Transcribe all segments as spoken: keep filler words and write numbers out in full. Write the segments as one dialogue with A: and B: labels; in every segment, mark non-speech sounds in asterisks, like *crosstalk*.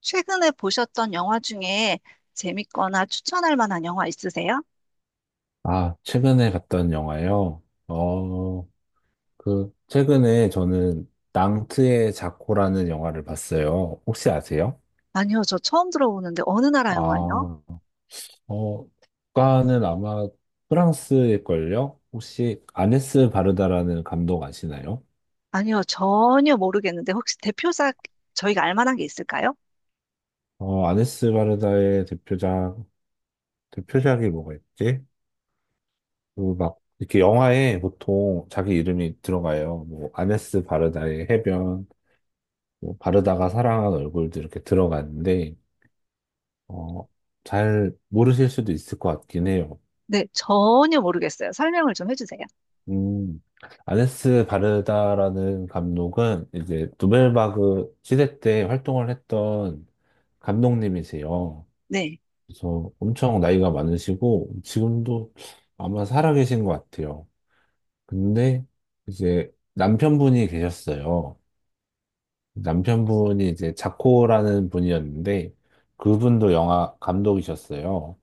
A: 최근에 보셨던 영화 중에 재밌거나 추천할 만한 영화 있으세요?
B: 아, 최근에 봤던 영화요? 어, 그, 최근에 저는 낭트의 자코라는 영화를 봤어요. 혹시 아세요?
A: 아니요, 저 처음 들어보는데 어느 나라 영화예요?
B: 아, 어, 국가는 아마 프랑스일걸요? 혹시 아네스 바르다라는 감독 아시나요?
A: 아니요, 전혀 모르겠는데 혹시 대표작 저희가 알 만한 게 있을까요?
B: 어, 아네스 바르다의 대표작, 대표작이 뭐가 있지? 그 막, 이렇게 영화에 보통 자기 이름이 들어가요. 뭐, 아네스 바르다의 해변, 뭐 바르다가 사랑한 얼굴도 이렇게 들어가는데, 어, 잘 모르실 수도 있을 것 같긴 해요.
A: 네, 전혀 모르겠어요. 설명을 좀 해주세요.
B: 음, 아네스 바르다라는 감독은 이제 누벨바그 시대 때 활동을 했던 감독님이세요.
A: 네.
B: 그래서 엄청 나이가 많으시고 지금도 아마 살아계신 것 같아요. 근데 이제 남편분이 계셨어요. 남편분이 이제 자코라는 분이었는데 그분도 영화 감독이셨어요.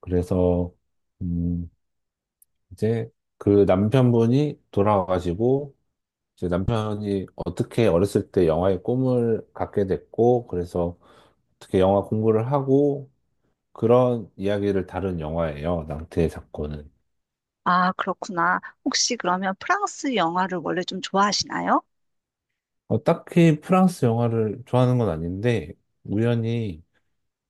B: 그래서 음, 이제 그 남편분이 돌아가시고 이제 남편이 어떻게 어렸을 때 영화의 꿈을 갖게 됐고 그래서 어떻게 영화 공부를 하고 그런 이야기를 다룬 영화예요. 낭태의 사건은.
A: 아, 그렇구나. 혹시 그러면 프랑스 영화를 원래 좀 좋아하시나요?
B: 어, 딱히 프랑스 영화를 좋아하는 건 아닌데 우연히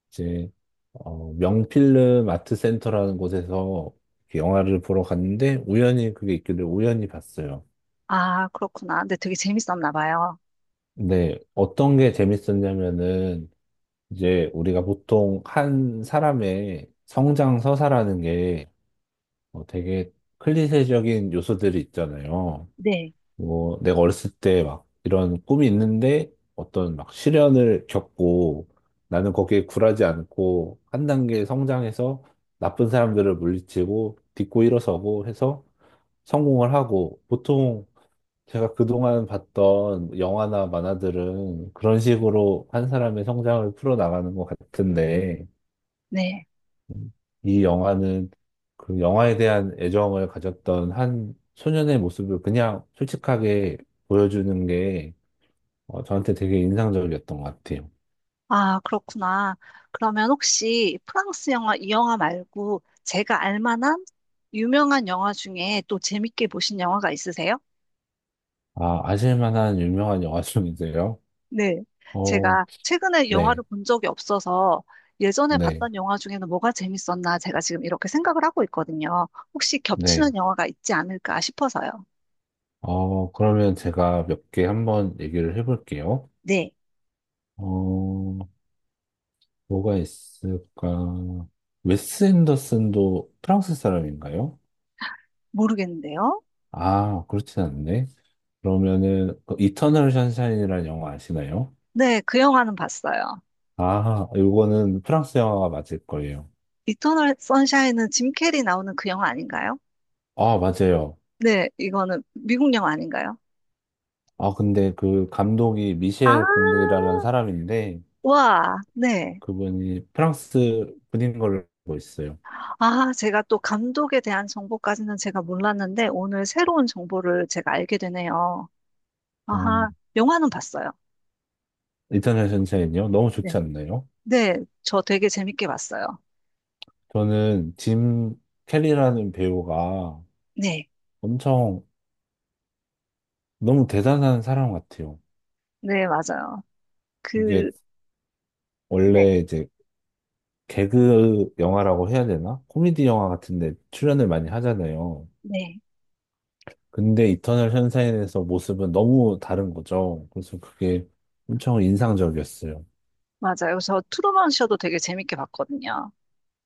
B: 이제 어, 명필름 아트센터라는 곳에서 이렇게 영화를 보러 갔는데 우연히 그게 있길래 우연히 봤어요.
A: 아, 그렇구나. 근데 되게 재밌었나 봐요.
B: 근데 어떤 게 재밌었냐면은 이제 우리가 보통 한 사람의 성장 서사라는 게 어, 되게 클리셰적인 요소들이 있잖아요.
A: 네,
B: 뭐 내가 어렸을 때 막 이런 꿈이 있는데 어떤 막 시련을 겪고 나는 거기에 굴하지 않고 한 단계 성장해서 나쁜 사람들을 물리치고 딛고 일어서고 해서 성공을 하고 보통 제가 그동안 봤던 영화나 만화들은 그런 식으로 한 사람의 성장을 풀어나가는 것 같은데
A: 네.
B: 이 영화는 그 영화에 대한 애정을 가졌던 한 소년의 모습을 그냥 솔직하게 보여주는 게 어, 저한테 되게 인상적이었던 것 같아요.
A: 아, 그렇구나. 그러면 혹시 프랑스 영화 이 영화 말고 제가 알 만한 유명한 영화 중에 또 재밌게 보신 영화가 있으세요?
B: 아, 아실 만한 유명한 영화 중이세요?
A: 네.
B: 어,
A: 제가 최근에 영화를
B: 네,
A: 본 적이 없어서 예전에
B: 네,
A: 봤던 영화 중에는 뭐가 재밌었나 제가 지금 이렇게 생각을 하고 있거든요. 혹시
B: 네.
A: 겹치는 영화가 있지 않을까 싶어서요.
B: 어, 그러면 제가 몇 개 한번 얘기를 해볼게요.
A: 네.
B: 어, 뭐가 있을까? 웨스 앤더슨도 프랑스 사람인가요?
A: 모르겠는데요.
B: 아, 그렇진 않네. 그러면은 그 이터널 션샤인이라는 영화 아시나요?
A: 네, 그 영화는 봤어요.
B: 아, 이거는 프랑스 영화가 맞을 거예요.
A: 이터널 선샤인은 짐 캐리 나오는 그 영화 아닌가요?
B: 아, 맞아요.
A: 네, 이거는 미국 영화 아닌가요?
B: 아, 근데 그 감독이
A: 아,
B: 미셸 공이라는 사람인데
A: 와, 네.
B: 그분이 프랑스 분인 걸로 알고 있어요.
A: 아, 제가 또 감독에 대한 정보까지는 제가 몰랐는데 오늘 새로운 정보를 제가 알게 되네요.
B: 아,
A: 아하, 영화는 봤어요.
B: 이터널 션샤인이요? 너무
A: 네.
B: 좋지 않나요?
A: 네, 저 되게 재밌게 봤어요.
B: 저는 짐 캐리라는 배우가
A: 네.
B: 엄청 너무 대단한 사람 같아요.
A: 네, 맞아요.
B: 이게
A: 그, 네,
B: 원래 이제 개그 영화라고 해야 되나? 코미디 영화 같은데 출연을 많이 하잖아요.
A: 네.
B: 근데 이터널 션샤인에서 모습은 너무 다른 거죠. 그래서 그게 엄청 인상적이었어요.
A: 맞아요. 저 트루먼 쇼도 되게 재밌게 봤거든요.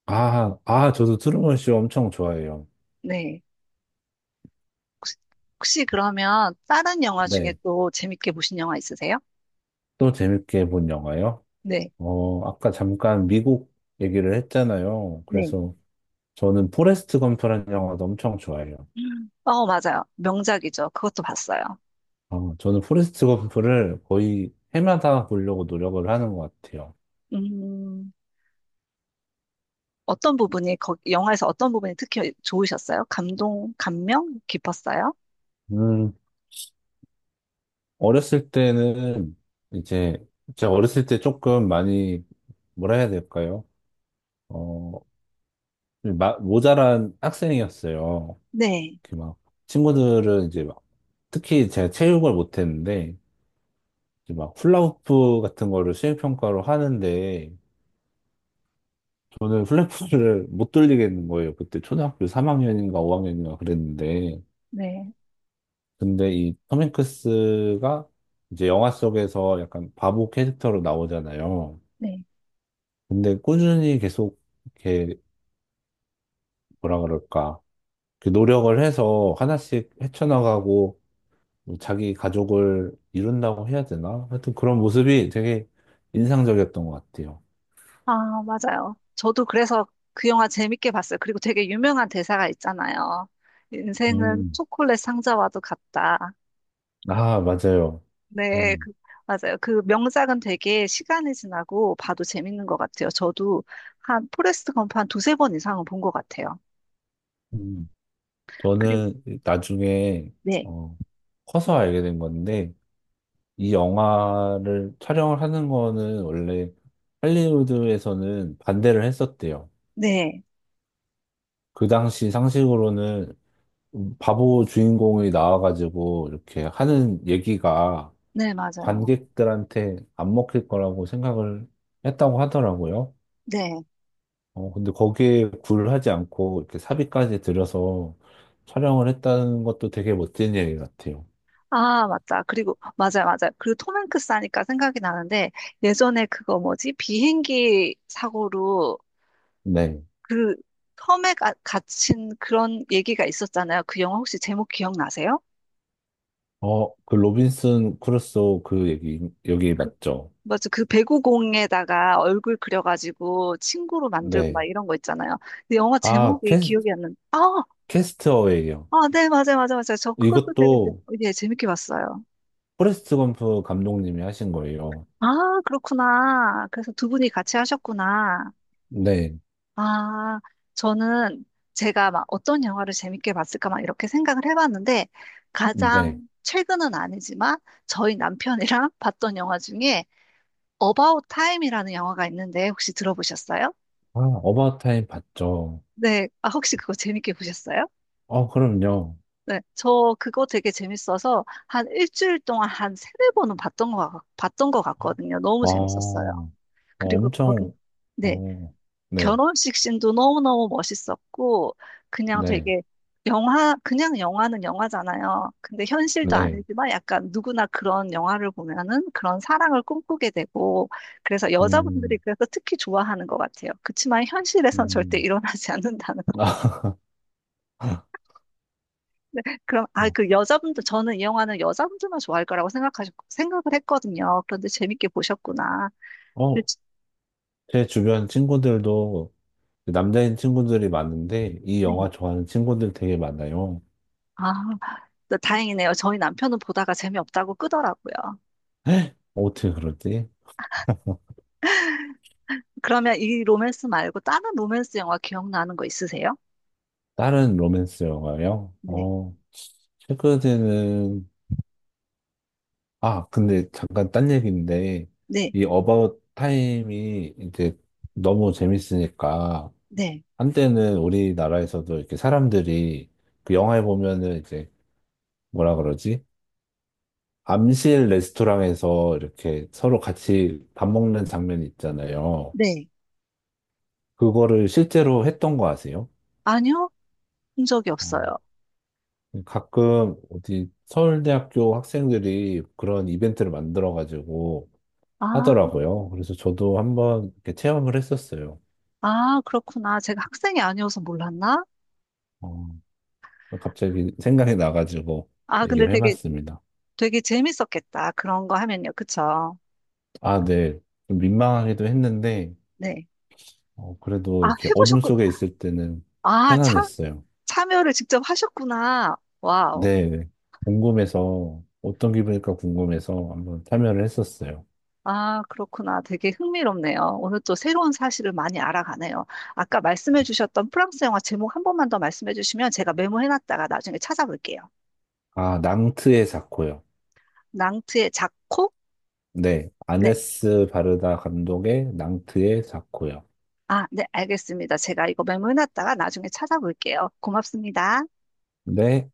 B: 아, 아, 저도 트루먼 쇼 엄청 좋아해요.
A: 네. 혹시, 혹시 그러면 다른 영화 중에
B: 네.
A: 또 재밌게 보신 영화 있으세요?
B: 또 재밌게 본 영화요?
A: 네.
B: 어, 아까 잠깐 미국 얘기를 했잖아요.
A: 네.
B: 그래서 저는 포레스트 검프라는 영화도 엄청 좋아해요.
A: 음. 어, 맞아요. 명작이죠. 그것도 봤어요.
B: 어, 저는 포레스트 검프를 거의 해마다 보려고 노력을 하는 것 같아요.
A: 음. 어떤 부분이, 거, 영화에서 어떤 부분이 특히 좋으셨어요? 감동, 감명 깊었어요?
B: 음, 어렸을 때는 이제 제가 어렸을 때 조금 많이 뭐라 해야 될까요? 어, 마- 모자란 학생이었어요.
A: 네,
B: 이렇게 막 친구들은 이제 막 특히 제가 체육을 못했는데 이제 막 훌라후프 같은 거를 수행평가로 하는데 저는 훌라후프를 못 돌리겠는 거예요. 그때 초등학교 삼 학년인가 오 학년인가 그랬는데
A: 네,
B: 근데 이 톰 행크스가 이제 영화 속에서 약간 바보 캐릭터로 나오잖아요.
A: 네.
B: 근데 꾸준히 계속 이렇게 뭐라 그럴까 이렇게 노력을 해서 하나씩 헤쳐나가고 뭐 자기 가족을 이룬다고 해야 되나? 하여튼 그런 모습이 되게 인상적이었던 것 같아요.
A: 아, 맞아요. 저도 그래서 그 영화 재밌게 봤어요. 그리고 되게 유명한 대사가 있잖아요. 인생은
B: 음.
A: 초콜릿 상자와도 같다.
B: 아, 맞아요.
A: 네, 그,
B: 음.
A: 맞아요. 그 명작은 되게 시간이 지나고 봐도 재밌는 것 같아요. 저도 한 포레스트 검프 한 두세 번 이상은 본 것 같아요.
B: 음.
A: 그리고,
B: 저는 나중에
A: 네,
B: 어, 커서 알게 된 건데 이 영화를 촬영을 하는 거는 원래 할리우드에서는 반대를 했었대요.
A: 네,
B: 그 당시 상식으로는 음, 바보 주인공이 나와가지고 이렇게 하는 얘기가
A: 네, 맞아요.
B: 관객들한테 안 먹힐 거라고 생각을 했다고 하더라고요.
A: 네.
B: 어, 근데 거기에 굴하지 않고 이렇게 사비까지 들여서 촬영을 했다는 것도 되게 멋진 얘기 같아요.
A: 아, 맞다. 그리고, 맞아요, 맞아요. 그리고 톰 행크스 하니까 생각이 나는데, 예전에 그거 뭐지? 비행기 사고로
B: 네.
A: 그 섬에 가, 갇힌 그런 얘기가 있었잖아요. 그 영화 혹시 제목 기억나세요?
B: 어, 그 로빈슨 크루소 그 얘기, 여기
A: 그,
B: 맞죠?
A: 맞아. 그 배구공에다가 얼굴 그려가지고 친구로 만들고 막
B: 네.
A: 이런 거 있잖아요. 근데 영화
B: 아,
A: 제목이
B: 캐스,
A: 기억이 안 나는데, 아,
B: 캐스트어웨이요.
A: 아, 네, 맞아요, 맞아요, 맞아요. 저 그것도 되게, 재-
B: 이것도
A: 예, 재밌게 봤어요.
B: 포레스트 검프 감독님이 하신 거예요.
A: 아, 그렇구나. 그래서 두 분이 같이 하셨구나.
B: 네.
A: 아, 저는 제가 막 어떤 영화를 재밌게 봤을까 막 이렇게 생각을 해봤는데
B: 네.
A: 가장 최근은 아니지만 저희 남편이랑 *laughs* 봤던 영화 중에 About Time이라는 영화가 있는데 혹시 들어보셨어요?
B: 아, 어바웃타임 봤죠.
A: 네, 아, 혹시 그거 재밌게 보셨어요?
B: 어, 그럼요.
A: 네, 저 그거 되게 재밌어서 한 일주일 동안 한 세네 번은 봤던 거, 봤던 것
B: 아,
A: 같거든요. 너무 재밌었어요.
B: 어,
A: 그리고 거기,
B: 엄청,
A: 네.
B: 어, 네,
A: 결혼식 씬도 너무너무 멋있었고, 그냥
B: 네,
A: 되게 영화, 그냥 영화는 영화잖아요. 근데 현실도
B: 네.
A: 아니지만 약간 누구나 그런 영화를 보면은 그런 사랑을 꿈꾸게 되고, 그래서 여자분들이
B: 음,
A: 그래서 특히 좋아하는 것 같아요. 그치만 현실에선 절대
B: 음.
A: 일어나지 *laughs* 않는다는.
B: *laughs*
A: 그럼, 아,
B: 어,
A: 그 여자분들, 저는 이 영화는 여자분들만 좋아할 거라고 생각하셨, 생각을 했거든요. 그런데 재밌게 보셨구나.
B: 어,
A: 그치?
B: 제 주변 친구들도 남자인 친구들이 많은데 이
A: 네.
B: 영화 좋아하는 친구들 되게 많아요.
A: 아, 다행이네요. 저희 남편은 보다가 재미없다고 끄더라고요.
B: *gasps* *laughs* 어떻게 그러지?
A: 그러면 이 로맨스 말고 다른 로맨스 영화 기억나는 거 있으세요?
B: 다른 로맨스 영화요?
A: 네,
B: 어, 최근에는 아, 근데 잠깐 딴 얘기인데,
A: 네,
B: 이 어바웃 타임이 이제 너무 재밌으니까,
A: 네,
B: 한때는 우리나라에서도 이렇게 사람들이 그 영화에 보면은 이제 뭐라 그러지? 암실 레스토랑에서 이렇게 서로 같이 밥 먹는 장면이 있잖아요.
A: 네.
B: 그거를 실제로 했던 거 아세요?
A: 아니요, 본 적이
B: 어,
A: 없어요.
B: 가끔 어디 서울대학교 학생들이 그런 이벤트를 만들어가지고
A: 아,
B: 하더라고요. 그래서 저도 한번 이렇게 체험을 했었어요.
A: 아, 그렇구나. 제가 학생이 아니어서 몰랐나?
B: 어, 갑자기 생각이 나가지고
A: 아, 근데
B: 얘기를
A: 되게,
B: 해봤습니다.
A: 되게 재밌었겠다. 그런 거 하면요. 그쵸?
B: 아, 네. 좀 민망하기도 했는데,
A: 네.
B: 어, 그래도
A: 아,
B: 이렇게 어둠
A: 해보셨군.
B: 속에 있을 때는
A: 아, 참,
B: 편안했어요.
A: 참여를 직접 하셨구나. 와우.
B: 네. 궁금해서, 어떤 기분일까 궁금해서 한번 참여를 했었어요.
A: 아, 그렇구나. 되게 흥미롭네요. 오늘 또 새로운 사실을 많이 알아가네요. 아까 말씀해 주셨던 프랑스 영화 제목 한 번만 더 말씀해 주시면 제가 메모해 놨다가 나중에 찾아볼게요.
B: 아, 낭트의 사코요.
A: 낭트의 자코?
B: 네.
A: 네.
B: 아네스 바르다 감독의 낭트의 사코요.
A: 아, 네, 알겠습니다. 제가 이거 메모해 놨다가 나중에 찾아볼게요. 고맙습니다.
B: 네.